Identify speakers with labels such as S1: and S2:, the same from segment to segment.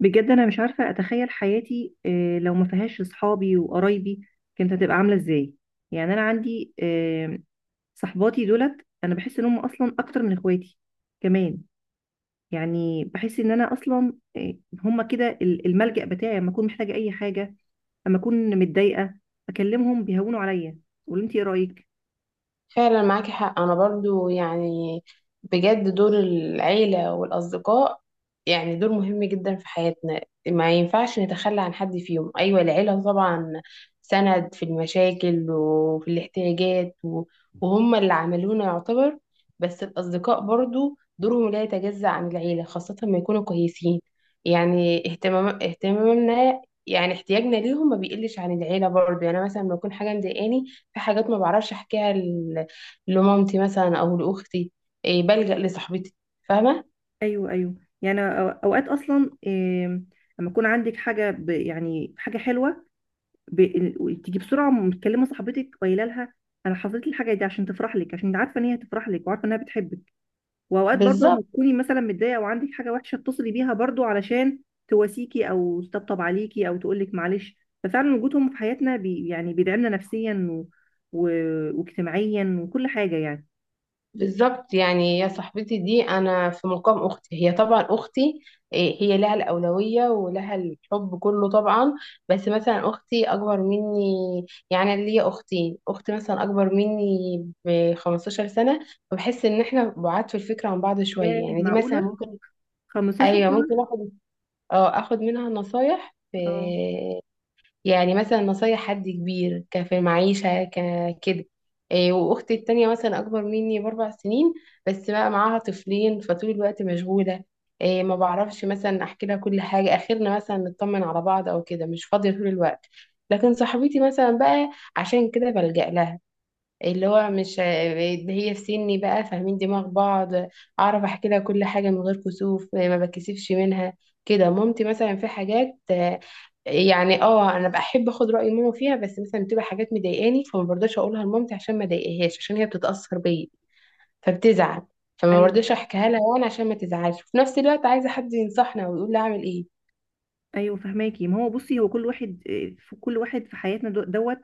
S1: بجد انا مش عارفه اتخيل حياتي لو ما فيهاش اصحابي وقرايبي كانت هتبقى عامله ازاي. يعني انا عندي صحباتي دولت، انا بحس ان هم اصلا اكتر من اخواتي كمان. يعني بحس ان انا اصلا هم كده الملجأ بتاعي لما اكون محتاجه اي حاجه، لما اكون متضايقه اكلمهم بيهونوا عليا. قولوا انت ايه رايك؟
S2: فعلا معاكي حق، انا برضو يعني بجد دور العيلة والاصدقاء، يعني دور مهم جدا في حياتنا. ما ينفعش نتخلى عن حد فيهم. ايوه العيلة طبعا سند في المشاكل وفي الاحتياجات وهم اللي عملونا يعتبر. بس الاصدقاء برضو دورهم لا يتجزأ عن العيلة خاصة ما يكونوا كويسين. يعني اهتمامنا، يعني احتياجنا ليهم ما بيقلش عن العيلة برضو. يعني أنا مثلا لما يكون حاجة مضايقاني، في حاجات ما بعرفش احكيها لمامتي مثلا او لاختي، إيه بلجأ لصاحبتي، فاهمه.
S1: ايوه، ايوه. يعني اوقات اصلا لما يكون عندك حاجه، يعني حاجه حلوه تيجي بسرعه متكلمه صاحبتك قايله لها انا حصلت لي الحاجه دي عشان تفرح لك، عشان انت عارفه ان هي هتفرح لك وعارفه انها بتحبك. واوقات برضه
S2: بالظبط.
S1: لما تكوني مثلا متضايقه او عندك حاجه وحشه اتصلي بيها برضه علشان تواسيكي او تطبطب عليكي او تقول لك معلش. ففعلا وجودهم في حياتنا يعني بيدعمنا نفسيا و... واجتماعيا وكل حاجه يعني.
S2: بالظبط. يعني يا صاحبتي دي انا في مقام اختي، هي طبعا اختي، إيه، هي لها الاولويه ولها الحب كله طبعا. بس مثلا اختي اكبر مني، يعني أنا ليا اختين، اخت مثلا اكبر مني ب 15 سنه، فبحس ان احنا بعاد في الفكره عن بعض شويه.
S1: ايه،
S2: يعني دي مثلا
S1: معقوله
S2: ممكن،
S1: 15
S2: ايوه
S1: سنه؟
S2: ممكن اخد منها نصايح،
S1: اه.
S2: يعني مثلا نصايح حد كبير في المعيشة كده. إيه، وأختي التانية مثلا أكبر مني بأربع سنين، بس بقى معاها طفلين فطول الوقت مشغولة. إيه، ما بعرفش مثلا أحكي لها كل حاجة، آخرنا مثلا نطمن على بعض أو كده، مش فاضية طول الوقت. لكن صاحبتي مثلا بقى، عشان كده بلجأ لها، اللي هو مش اللي هي في سني بقى فاهمين دماغ بعض. اعرف احكي لها كل حاجه من غير كسوف، ما بتكسفش منها كده. مامتي مثلا في حاجات، يعني انا بحب اخد راي ماما فيها، بس مثلا بتبقى حاجات مضايقاني، فما برضاش اقولها لمامتي عشان ما اضايقهاش، عشان هي بتتاثر بيا فبتزعل، فما
S1: ايوه،
S2: برضاش احكيها لها وانا عشان ما تزعلش، وفي نفس الوقت عايزه حد ينصحنا ويقول لي اعمل ايه.
S1: ايوه فهماكي. ما هو بصي، هو كل واحد في كل واحد في حياتنا دوت،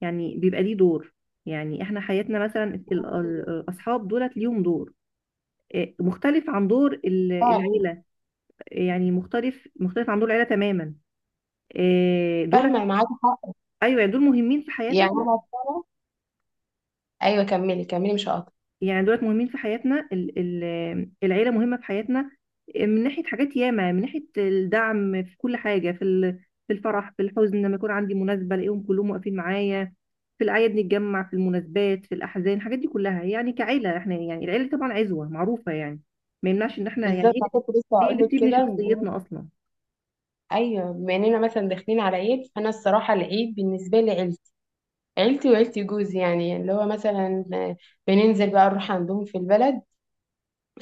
S1: يعني بيبقى ليه دور. يعني احنا حياتنا مثلا الاصحاب دولت ليهم دور مختلف عن دور
S2: فعلا
S1: العيله. يعني مختلف عن دور العيله تماما دولت.
S2: فاهمه معاك حق.
S1: ايوه، يعني دول مهمين في حياتنا.
S2: يعني انا. ايوه كملي كملي مش هقطع.
S1: يعني دولت مهمين في حياتنا، العيله مهمه في حياتنا من ناحيه حاجات ياما، من ناحيه الدعم في كل حاجه، في الفرح، في الحزن، لما يكون عندي مناسبه الاقيهم كلهم واقفين معايا. في الأعياد نتجمع، في المناسبات، في الأحزان، الحاجات دي كلها يعني كعيلة. احنا يعني العيلة طبعا عزوة معروفة يعني، ما يمنعش إن احنا يعني
S2: بالظبط، انا
S1: هي،
S2: كنت لسه
S1: هي
S2: هقول
S1: اللي
S2: لك
S1: بتبني
S2: كده.
S1: شخصيتنا أصلا.
S2: ايوه بما اننا مثلا داخلين على عيد، فانا الصراحه العيد بالنسبه لي عيلتي، عيلتي وعيلتي جوزي، يعني اللي هو مثلا بننزل بقى نروح عندهم في البلد.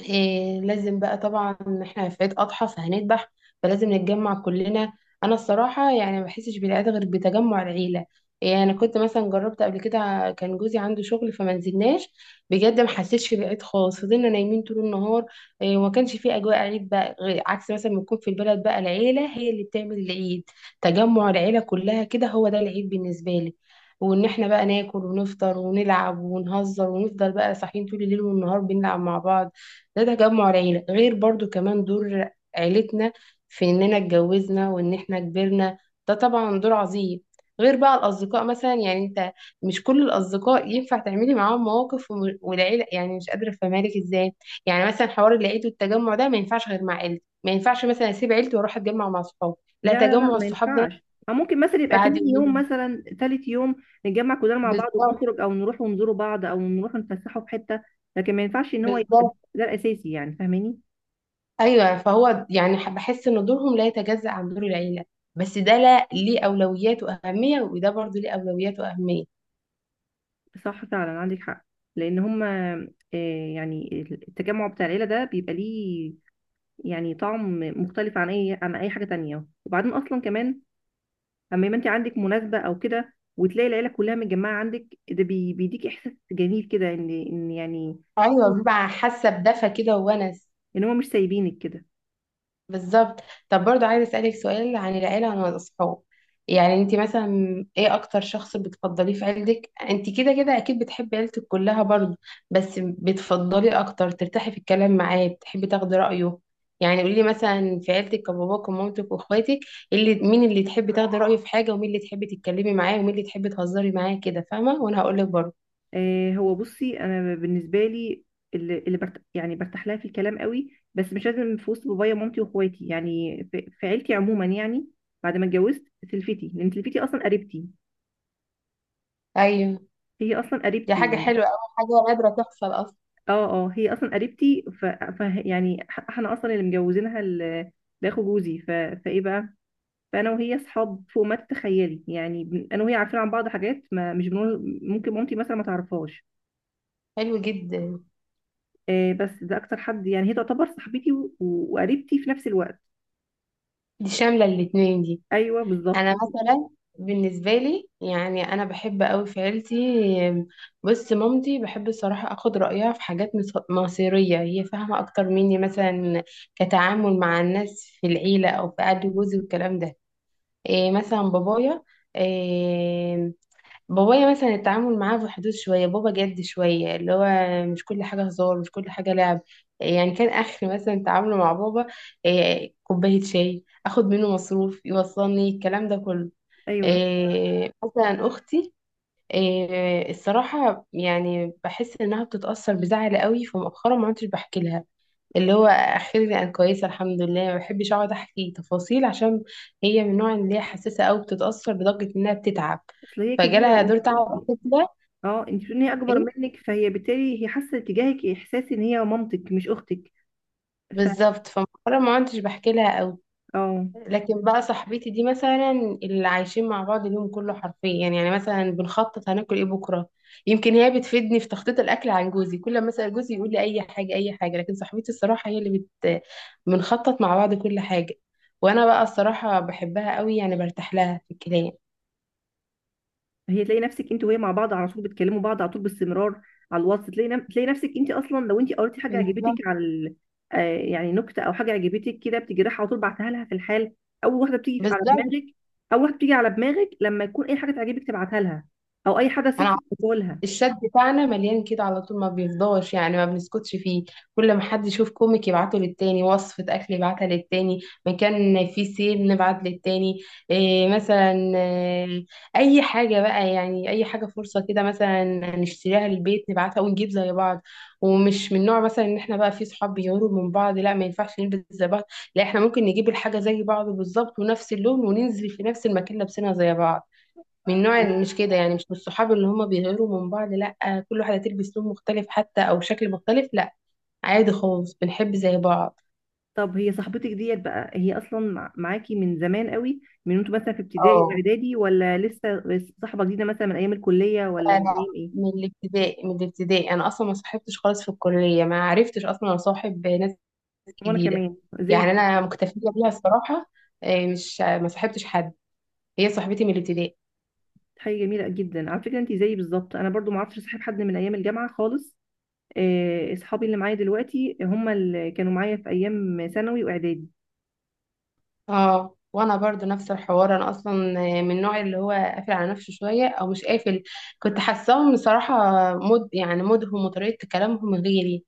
S2: إيه لازم بقى طبعا، احنا في عيد اضحى فهنذبح، فلازم نتجمع كلنا. انا الصراحه يعني ما بحسش بالعيد غير بتجمع العيله. يعني انا كنت مثلا جربت قبل كده، كان جوزي عنده شغل فما نزلناش، بجد ما حسيتش بالعيد خالص، فضلنا نايمين طول النهار، إيه، وما كانش في اجواء عيد بقى، غير عكس مثلا ما يكون في البلد بقى العيله هي اللي بتعمل العيد. تجمع العيله كلها كده هو ده العيد بالنسبه لي، وان احنا بقى ناكل ونفطر ونلعب ونهزر ونفضل بقى صاحيين طول الليل والنهار بنلعب مع بعض، ده تجمع العيلة. غير برضو كمان دور عيلتنا في إننا اتجوزنا وإن إحنا كبرنا، ده طبعا دور عظيم. غير بقى الأصدقاء مثلا، يعني أنت مش كل الأصدقاء ينفع تعملي معاهم مواقف والعيلة، يعني مش قادرة أفهمهالك إزاي. يعني مثلا حوار العيد والتجمع ده ما ينفعش غير مع عيلتي، ما ينفعش مثلا أسيب عيلتي وأروح أتجمع مع صحابي، لا
S1: لا، لا، لا،
S2: تجمع
S1: ما
S2: الصحاب ده
S1: ينفعش. أو ممكن مثلا يبقى
S2: بعد
S1: تاني يوم،
S2: يومين.
S1: مثلا تالت يوم، نتجمع كلنا مع بعض
S2: بالظبط.
S1: ونخرج أو نروح ونزوروا بعض أو نروح نتفسحوا في حتة. لكن ما ينفعش إن هو يبقى
S2: بالظبط.
S1: ده الأساسي، يعني فاهماني.
S2: ايوه فهو يعني بحس ان دورهم لا يتجزأ عن دور العيله، بس ده لا ليه اولويات واهميه، وده برضه ليه اولويات واهميه.
S1: صح، فعلا عندك حق. لأن هما يعني التجمع بتاع العيلة ده بيبقى ليه يعني طعم مختلف عن اي، عن اي حاجه تانية. وبعدين اصلا كمان اما يبقى انت عندك مناسبه او كده وتلاقي العيله كلها متجمعه عندك، ده بيديك احساس جميل كده، ان يعني
S2: ايوه بيبقى حاسه بدفى كده وونس.
S1: ان هم مش سايبينك كده.
S2: بالظبط. طب برضو عايزة أسألك سؤال عن العيلة وعن الأصحاب. يعني انت مثلا ايه اكتر شخص بتفضليه في عيلتك؟ انت كده كده اكيد بتحبي عيلتك كلها برضو، بس بتفضليه اكتر ترتاحي في الكلام معاه، بتحبي تاخدي رأيه. يعني قولي مثلا في عيلتك باباك ومامتك واخواتك، مين اللي تحبي تاخدي رأيه في حاجة، ومين اللي تحبي تتكلمي معاه، ومين اللي تحبي تهزري معاه، كده فاهمة؟ وانا هقول لك برضو.
S1: هو بصي، انا بالنسبه لي، اللي يعني برتاح لها في الكلام قوي، بس مش لازم في وسط بابايا ومامتي واخواتي، يعني في عيلتي عموما، يعني بعد ما اتجوزت سلفتي، لان سلفتي اصلا قريبتي.
S2: ايوه.
S1: هي اصلا
S2: دي
S1: قريبتي
S2: حاجة
S1: يعني.
S2: حلوة أوي، حاجة نادرة تحصل اصلا.
S1: اه، اه، هي اصلا قريبتي يعني، احنا اصلا اللي مجوزينها لاخو جوزي فايه بقى. فانا وهي اصحاب فوق ما تتخيلي يعني، انا وهي عارفين عن بعض حاجات ما مش بنقول، ممكن مامتي مثلا ما تعرفهاش.
S2: حلو جدا.
S1: بس ده اكتر حد يعني، هي تعتبر صاحبتي وقريبتي في نفس الوقت.
S2: دي شاملة الاتنين دي.
S1: ايوه، بالظبط.
S2: انا مثلا بالنسبه لي، يعني انا بحب قوي في عيلتي. بص مامتي بحب الصراحه اخد رايها في حاجات مصيريه، هي فاهمه اكتر مني مثلا كتعامل مع الناس في العيله او في قعده جوزي والكلام ده. إيه مثلا بابايا، إيه، بابايا مثلا التعامل معاه في حدود شويه، بابا جد شويه، اللي هو مش كل حاجه هزار مش كل حاجه لعب، إيه، يعني كان اخر مثلا تعامله مع بابا إيه، كوبايه شاي، اخد منه مصروف، يوصلني الكلام ده كله.
S1: ايوه،
S2: إيه، مثلا اختي، إيه، الصراحه يعني بحس انها بتتاثر بزعل قوي، فمؤخرا ما عدتش بحكي لها. اللي هو اخيرا انا كويسه الحمد لله، ما بحبش اقعد احكي تفاصيل، عشان هي من النوع اللي هي حساسه قوي، بتتاثر لدرجه انها بتتعب،
S1: اصل هي كبيره،
S2: فجالها
S1: انت
S2: دور
S1: بتقولي
S2: تعب
S1: إيه؟
S2: كده.
S1: اه، انت بتقولي إن هي اكبر
S2: ايه
S1: منك، فهي بالتالي هي حاسه تجاهك احساس ان هي مامتك مش اختك. ف
S2: بالظبط، فمؤخرا ما عدتش بحكي لها قوي.
S1: اه.
S2: لكن بقى صاحبتي دي مثلا، اللي عايشين مع بعض اليوم كله حرفيا، يعني مثلا بنخطط هناكل ايه بكره، يمكن هي بتفيدني في تخطيط الاكل عن جوزي. كل ما اسال جوزي يقول لي اي حاجه اي حاجه، لكن صاحبتي الصراحه هي اللي بنخطط مع بعض كل حاجه. وانا بقى الصراحه بحبها قوي، يعني برتاح لها في الكلام.
S1: هي، تلاقي نفسك انت وهي مع بعض على طول، بتكلموا بعض على طول باستمرار على الواتس. تلاقي تلاقي نفسك انت اصلا، لو انت قريتي حاجه عجبتك
S2: بالظبط.
S1: على ال... آه يعني نكته او حاجه عجبتك كده، بتجي رايحه على طول بعتها لها في الحال. اول واحده بتيجي على
S2: بالظبط.
S1: دماغك، اول واحده بتيجي على دماغك لما يكون اي حاجه تعجبك تبعتها لها، او اي حدث
S2: انا
S1: يحصل
S2: عارفة.
S1: تقولها.
S2: الشات بتاعنا مليان كده على طول ما بيفضاش، يعني ما بنسكتش فيه. كل ما حد يشوف كوميك يبعته للتاني، وصفة اكل يبعتها للتاني، مكان فيه سيل نبعت للتاني، إيه مثلا، إيه، اي حاجة بقى، يعني اي حاجة فرصة كده مثلا نشتريها للبيت نبعتها ونجيب زي بعض. ومش من نوع مثلا ان احنا بقى في صحاب بيغيروا من بعض، لا ما ينفعش نلبس زي بعض، لا احنا ممكن نجيب الحاجة زي بعض بالظبط ونفس اللون، وننزل في نفس المكان لابسينها زي بعض. من نوع مش كده، يعني مش من الصحاب اللي هم بيغيروا من بعض لا كل واحدة تلبس لون مختلف حتى أو شكل مختلف، لا عادي خالص بنحب زي بعض.
S1: طب هي صاحبتك ديت بقى، هي اصلا معاكي من زمان قوي؟ من انتوا مثلا في ابتدائي
S2: اه،
S1: واعدادي، ولا لسه صاحبه جديده مثلا من ايام الكليه، ولا من
S2: فأنا
S1: ايام ايه؟
S2: من الابتدائي، من الابتدائي أنا أصلا ما صاحبتش خالص، في الكلية ما عرفتش أصلا أصاحب ناس
S1: وانا
S2: جديدة،
S1: كمان
S2: يعني
S1: زي،
S2: أنا مكتفية بيها الصراحة. إيه، مش ما صاحبتش حد، هي صاحبتي من الابتدائي.
S1: حاجة جميلة جدا على فكرة، انت زيي بالظبط. انا برضو ما عرفتش اصاحب حد من ايام الجامعة خالص. اصحابي اللي معايا دلوقتي هم اللي كانوا معايا في ايام ثانوي واعدادي.
S2: اه وانا برضو نفس الحوار، انا اصلا من النوع اللي هو قافل على نفسه شويه، او مش قافل، كنت حاساهم بصراحه يعني مودهم وطريقه كلامهم غيري،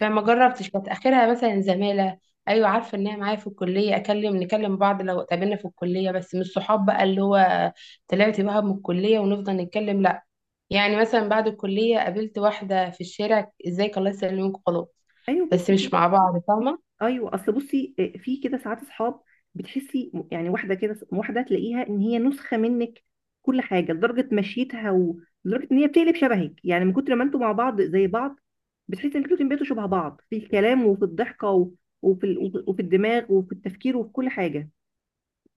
S2: فما جربتش. كانت اخرها مثلا زماله، ايوه عارفه ان هي معايا في الكليه، نكلم بعض لو اتقابلنا في الكليه، بس مش صحاب بقى اللي هو طلعت بقى من الكليه ونفضل نتكلم، لا. يعني مثلا بعد الكليه قابلت واحده في الشارع، ازيك، الله يسلمك، خلاص،
S1: ايوه، بس
S2: بس مش
S1: كده.
S2: مع بعض، فاهمه.
S1: ايوه، اصل بصي في كده ساعات اصحاب بتحسي يعني، واحدة كده، واحدة تلاقيها ان هي نسخة منك كل حاجة، لدرجة مشيتها، ولدرجة ان هي بتقلب شبهك يعني من كتر ما انتوا مع بعض زي بعض. بتحسي ان انتوا بقيتوا شبه بعض في الكلام وفي الضحكة وفي الدماغ وفي التفكير وفي كل حاجة.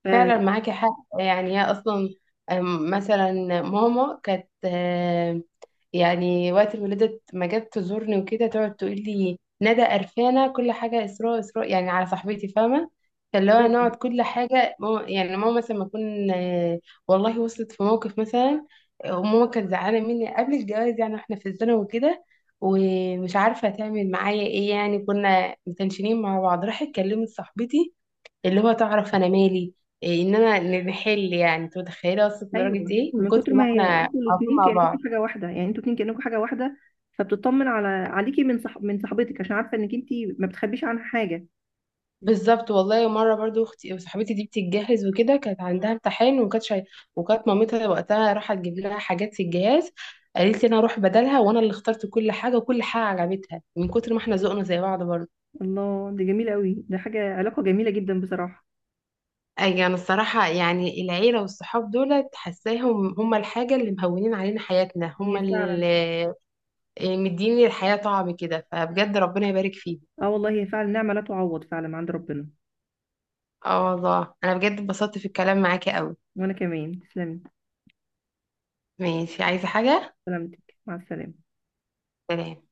S2: فعلا معاكي حق. يعني هي اصلا مثلا ماما كانت يعني وقت الولادة ما جت تزورني وكده، تقعد تقول لي ندى قرفانة كل حاجة، إسراء إسراء، يعني على صاحبتي فاهمة. فاللي هو
S1: ف
S2: نقعد كل حاجة ماما، يعني ماما مثلا ما أكون. والله وصلت في موقف مثلا، وماما كانت زعلانة مني قبل الجواز يعني، واحنا في الثانوي وكده، ومش عارفة تعمل معايا ايه، يعني كنا متنشنين مع بعض، راحت كلمت صاحبتي اللي هو تعرف انا مالي، إيه ان انا نحل. يعني انت متخيله وصلت لدرجه
S1: ايوه،
S2: ايه من
S1: من
S2: كتر
S1: كتر
S2: ما
S1: ما
S2: احنا
S1: انتوا
S2: على طول
S1: الاثنين
S2: مع بعض.
S1: كانكم حاجه واحده، يعني انتوا الاثنين كانكم حاجه واحده. فبتطمن عليكي من صاحبتك عشان عارفه انك انت ما بتخبيش عنها حاجه.
S2: بالظبط. والله مره برضو اختي وصاحبتي دي بتتجهز وكده، كانت عندها امتحان، وكانت مامتها وقتها راحت تجيب لها حاجات في الجهاز، قالت لي انا اروح بدلها، وانا اللي اخترت كل حاجه، وكل حاجه عجبتها من كتر ما احنا ذوقنا زي بعض برضو.
S1: الله، دي جميله قوي، ده علاقه جميله جدا بصراحه.
S2: اي انا الصراحه يعني العيله والصحاب دول حاساهم هم الحاجه اللي مهونين علينا حياتنا هم،
S1: هي فعلا.
S2: إيه، مديني الحياة طعم كده، فبجد ربنا يبارك فيه.
S1: اه والله، هي فعلا نعمه لا تعوض فعلا عند ربنا.
S2: اه والله انا بجد اتبسطت في الكلام معاكي قوي.
S1: وانا كمان تسلمي.
S2: ماشي، عايزة حاجة؟
S1: سلامتك، مع السلامه.
S2: سلام.